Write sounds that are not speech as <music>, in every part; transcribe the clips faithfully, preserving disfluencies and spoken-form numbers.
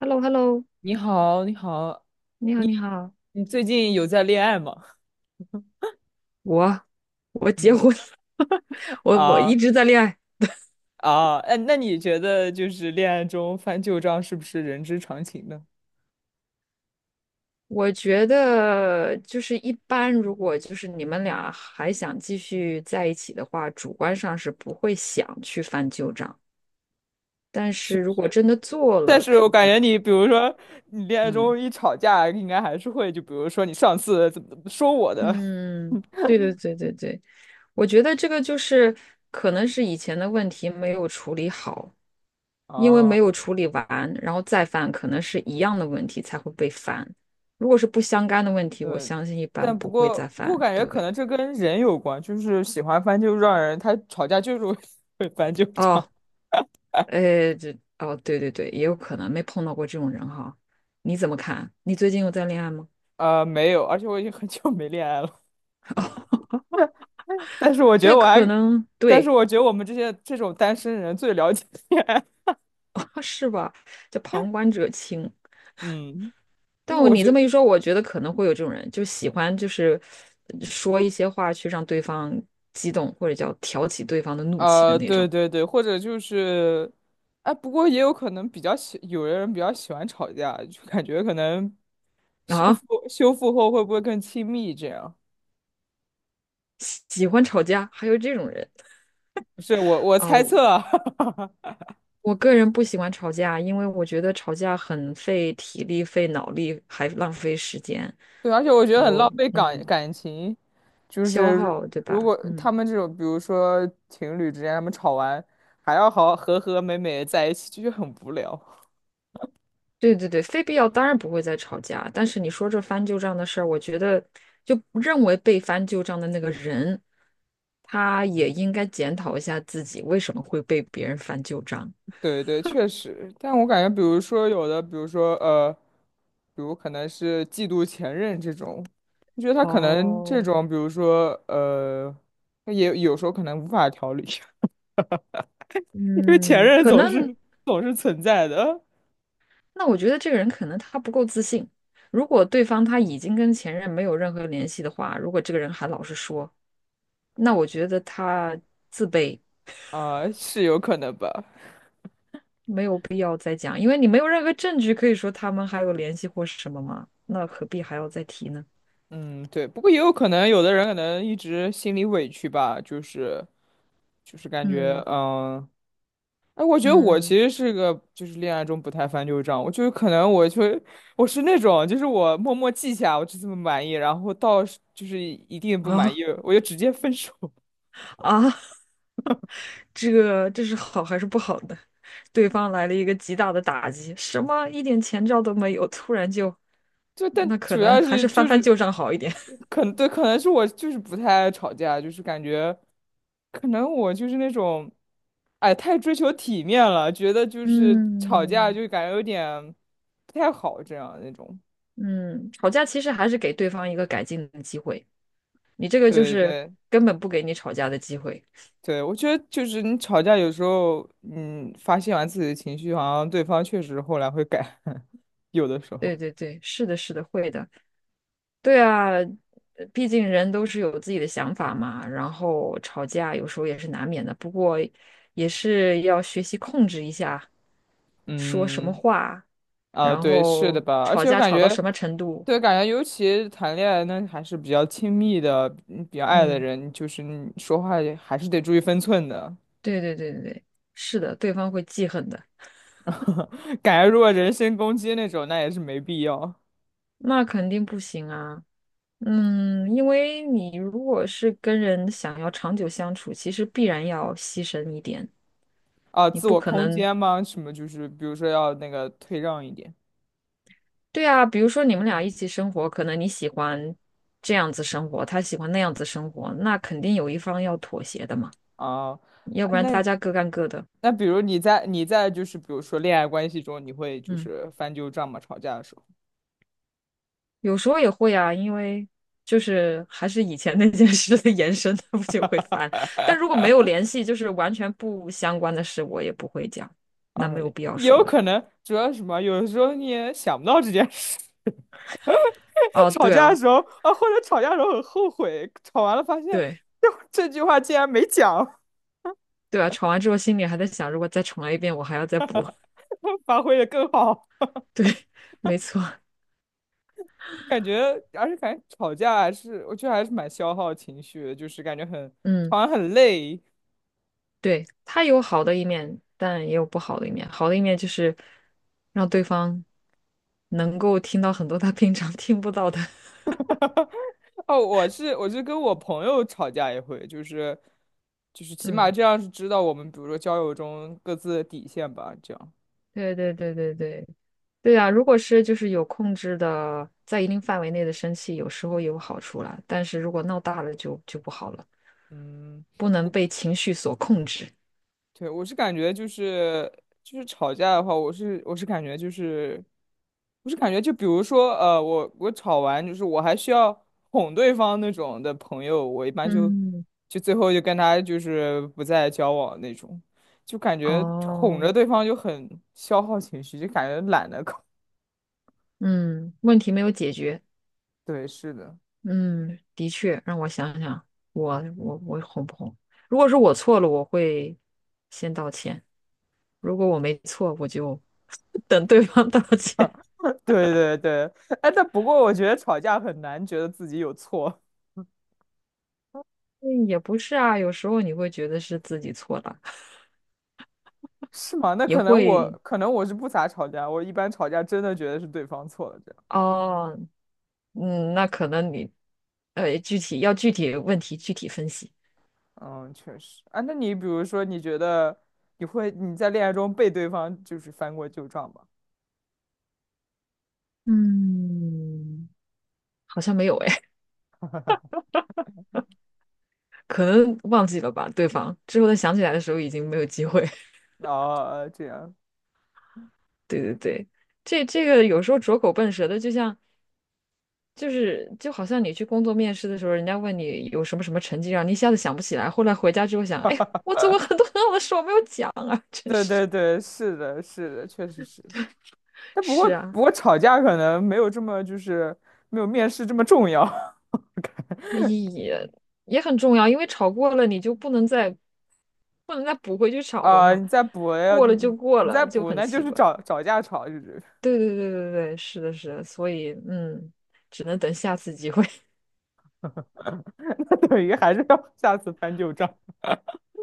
h e l l o h e l l o 你好，你好，你好，你好，你最近有在恋爱吗？我我结嗯婚了，<laughs> 我我一啊直在恋爱。啊，哎，那你觉得就是恋爱中翻旧账是不是人之常情呢？我觉得就是一般，如果就是你们俩还想继续在一起的话，主观上是不会想去翻旧账。但是是不如果是，真的做但了，是肯我定感有他觉的你，比如说你恋爱嗯。中一吵架，应该还是会，就比如说你上次怎么怎么说我的嗯，对对对对对，我觉得这个就是可能是以前的问题没有处理好，因为没哦，有处理完，然后再犯，可能是一样的问题才会被翻。如果是不相干的问题，我对，相信一般但不不会过再不过犯。感觉可对。能这跟人有关，就是喜欢翻旧账的人，他吵架就是会 <laughs> 会翻旧账。哦，呃，这，哦，对对对，也有可能没碰到过这种人哈。你怎么看？你最近有在恋爱吗？呃，没有，而且我已经很久没恋爱了。但是我觉得对，我可还，能但是对。我觉得我们这些这种单身人最了解恋爱。<laughs> 是吧？叫旁观者清。<laughs> 嗯，因但为我我你这觉么一说，我觉得可能会有这种人，就喜欢就是呃说一些话去让对方激动，或者叫挑起对方的怒气的呃，那对种。对对，或者就是，哎，不过也有可能比较喜，有的人比较喜欢吵架，就感觉可能修啊，复修复后会不会更亲密？这样，喜欢吵架，还有这种人。不是我我啊，猜测啊，<laughs> 我个人不喜欢吵架，因为我觉得吵架很费体力、费脑力，还浪费时间。对，而且我觉得很我浪费感嗯，感情，就消是耗，对吧？如果他嗯，们这种，比如说情侣之间，他们吵完还要好好和和美美地在一起，就觉得很无聊。对对对，非必要当然不会再吵架。但是你说这翻旧账的事儿，我觉得就认为被翻旧账的那个人，他也应该检讨一下自己为什么会被别人翻旧账。对对，确实，但我感觉，比如说有的，比如说呃，比如可能是嫉妒前任这种，你觉得他可能这哦，种，比如说呃，他也有时候可能无法调理，<laughs> 因为前嗯，任可总是能总是存在的那我觉得这个人可能他不够自信。如果对方他已经跟前任没有任何联系的话，如果这个人还老是说，那我觉得他自卑，啊，是有可能吧？没有必要再讲，因为你没有任何证据可以说他们还有联系或是什么嘛，那何必还要再提呢？嗯，对，不过也有可能有的人可能一直心里委屈吧，就是就是感觉嗯嗯。哎，我觉得我嗯其实是个就是恋爱中不太翻旧账，我就是可能我就我是那种就是我默默记下我就这么满意，然后到是就是一定不嗯满啊。意我就直接分手。<laughs> 啊，这个这是好还是不好的？对方来了一个极大的打击，什么一点前兆都没有，突然就，就但那可主能要还是是翻就翻是旧账好一点。可能对，可能是我就是不太爱吵架，就是感觉可能我就是那种哎太追求体面了，觉得就 <laughs> 是吵架嗯。就感觉有点不太好这样那种。嗯，吵架其实还是给对方一个改进的机会，你这个就对是对根本不给你吵架的机会。对，我觉得就是你吵架有时候，嗯，发泄完自己的情绪，好像对方确实后来会改，<laughs> 有的时候。对对对，是的，是的，会的。对啊，呃毕竟人都是有自己的想法嘛，然后吵架有时候也是难免的，不过也是要学习控制一下说什么嗯，话，啊，然对，是的后吧？而吵且我架感吵觉，到什么程度。对，感觉尤其谈恋爱那还是比较亲密的，嗯比较爱的嗯，人，就是你说话也还是得注意分寸的。对对对对对，是的，对方会记恨的，<laughs> 感觉如果人身攻击那种，那也是没必要那肯定不行啊。嗯，因为你如果是跟人想要长久相处，其实必然要牺牲一点，啊。你自不我可空能，间嘛，什么就是，比如说要那个退让一点对啊，比如说你们俩一起生活，可能你喜欢这样子生活，他喜欢那样子生活，那肯定有一方要妥协的嘛，啊。要不哎，然那大家各干各的。那比如你在你在就是比如说恋爱关系中，你会就嗯，是翻旧账吗？吵架的时候有时候也会啊，因为就是还是以前那件事的延伸，他不就会烦。但如果没有联系，就是完全不相关的事，我也不会讲，那啊，没有也必要说有了。可能，主要是什么？有的时候你也想不到这件事，<laughs> 哦，吵对架的啊。时候啊，或者吵架的时候很后悔，吵完了发现对。这这句话竟然没讲，对啊，吵完之后心里还在想，如果再重来一遍，我还要再补。<laughs> <laughs> 发挥的更好，对，没错，感觉而且感觉吵架还是我觉得还是蛮消耗情绪的，就是感觉很嗯，吵完很累。对，他有好的一面，但也有不好的一面。好的一面就是让对方能够听到很多他平常听不到的。<laughs> 哦，我是我是跟我朋友吵架也会，就是就是起码嗯，这样是知道我们比如说交友中各自的底线吧，这样。对对对对对对啊！如果是就是有控制的，在一定范围内的生气，有时候有好处啦，但是如果闹大了就就不好了，嗯，不能被情绪所控制。对，我是感觉就是就是吵架的话，我是我是感觉就是我是感觉就比如说呃，我我吵完就是我还需要哄对方那种的朋友，我一般就嗯，就最后就跟他就是不再交往那种，就感觉哄哦，着对方就很消耗情绪，就感觉懒得搞。嗯，问题没有解决。<laughs> 对，是的。嗯，的确，让我想想，我我我哄不哄？如果是我错了，我会先道歉；如果我没错，我就 <laughs> 等对方道歉。对对对，哎，但不过我觉得吵架很难觉得自己有错，<laughs> 嗯，也不是啊，有时候你会觉得是自己错了，<laughs> 是吗？那也可能我会。可能我是不咋吵架，我一般吵架真的觉得是对方错了，这样。哦，嗯，那可能你呃，具体要具体问题具体分析。嗯，确实。啊，那你比如说，你觉得你会你在恋爱中被对方就是翻过旧账吗？嗯，好像没有哎，可能忘记了吧，对方之后再想起来的时候已经没有机会。哦，呃这样。<laughs> 对对对。这这个有时候拙口笨舌的，就像就是就好像你去工作面试的时候，人家问你有什么什么成绩，让你一下子想不起来，后来回家之后想，哎，我做过很多很好的事，我没有讲啊，<laughs> 真对是对对，是的，是的，确实是。但不过是啊，不过吵架可能没有这么就是没有面试这么重要 <laughs> 也也很重要，因为吵过了你就不能再不能再补回去吵了啊、嘛，你再补要过了就你过你再了，就补，很那就奇是怪。找找架吵，就是。对对对对对，是的，是的，所以嗯，只能等下次机会。<laughs> 那等于还是要 <laughs> 下次翻旧账。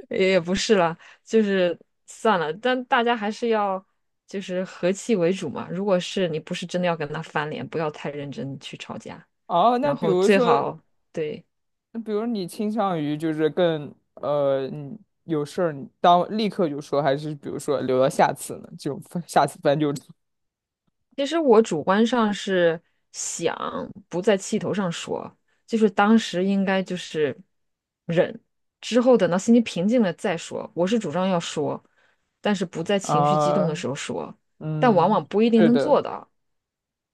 也不是了，就是算了，但大家还是要就是和气为主嘛。如果是你不是真的要跟他翻脸，不要太认真去吵架，哦，那然比后如最说，好对。比如你倾向于就是更呃，你有事儿你当立刻就说，还是比如说留到下次呢？就翻下次翻旧账 其实我主观上是想不在气头上说，就是当时应该就是忍，之后等到心情平静了再说。我是主张要说，但是不在 <laughs> 情绪激动啊，的时候说，但往嗯，往不一定是能的，做到。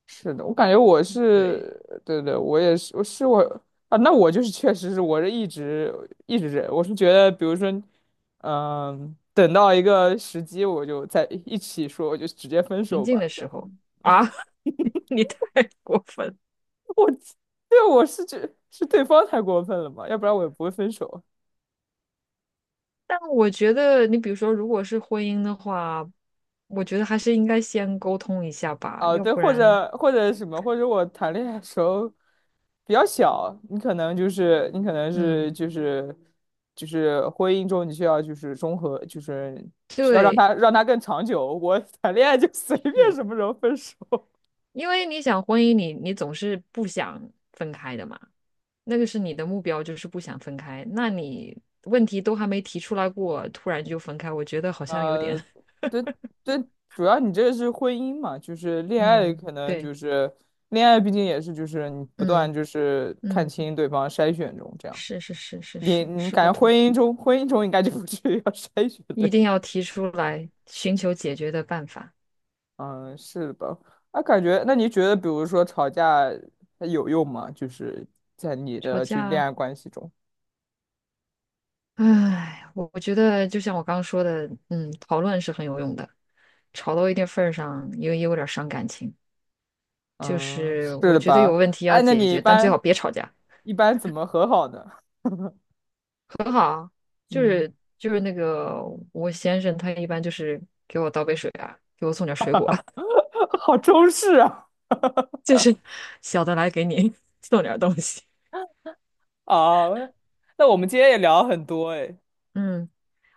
是的，我感觉我对。是，对对，我也是，我是我啊，那我就是确实是，我是一直一直忍，我是觉得，比如说，嗯、等到一个时机，我就在一起说，我就直接分临手静吧，的这时样。候啊，<laughs> 你太过分了。我对我是觉是对方太过分了嘛，要不然我也不会分手。但我觉得，你比如说，如果是婚姻的话，我觉得还是应该先沟通一下吧，哦，要对，不或然，者或者什么，或者我谈恋爱的时候比较小，你可能就是你可能是嗯，就是就是婚姻中你需要就是综合，就是需要让对，他让他更长久。我谈恋爱就随便是什么时候分手。因为你想婚姻你，你总是不想分开的嘛，那个是你的目标，就是不想分开。那你问题都还没提出来过，突然就分开，我觉得好像有点，呃，<laughs> 对对，主要你这是婚姻嘛，就是恋爱，嗯，可能对，就是恋爱，毕竟也是就是你不断嗯就是看嗯，清对方筛选中这样。是是是是你是你是感不觉同。婚姻中婚姻中应该就不至于 <laughs> 要筛选一对，定要提出来，寻求解决的办法。嗯，是的吧？啊，感觉那你觉得，比如说吵架它有用吗？就是在你吵的架就恋啊，爱关系中，唉，我我觉得就像我刚刚说的，嗯，讨论是很有用的，吵到一定份儿上，也也有点儿伤感情。就嗯，是是我的觉得有吧？问题要哎，那解你一决，但最般好别吵架。一般怎么和好呢？就嗯，是就是那个我先生，他一般就是给我倒杯水啊，给我送点儿水果，<laughs> 好中式啊。<laughs> 就是小的来给你 <laughs> 送点儿东西。哦，那我们今天也聊了很多哎，<laughs> 嗯，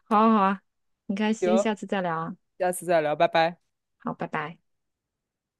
好啊好啊，很开心，行，下次再聊啊。下次再聊，拜拜。好，拜拜。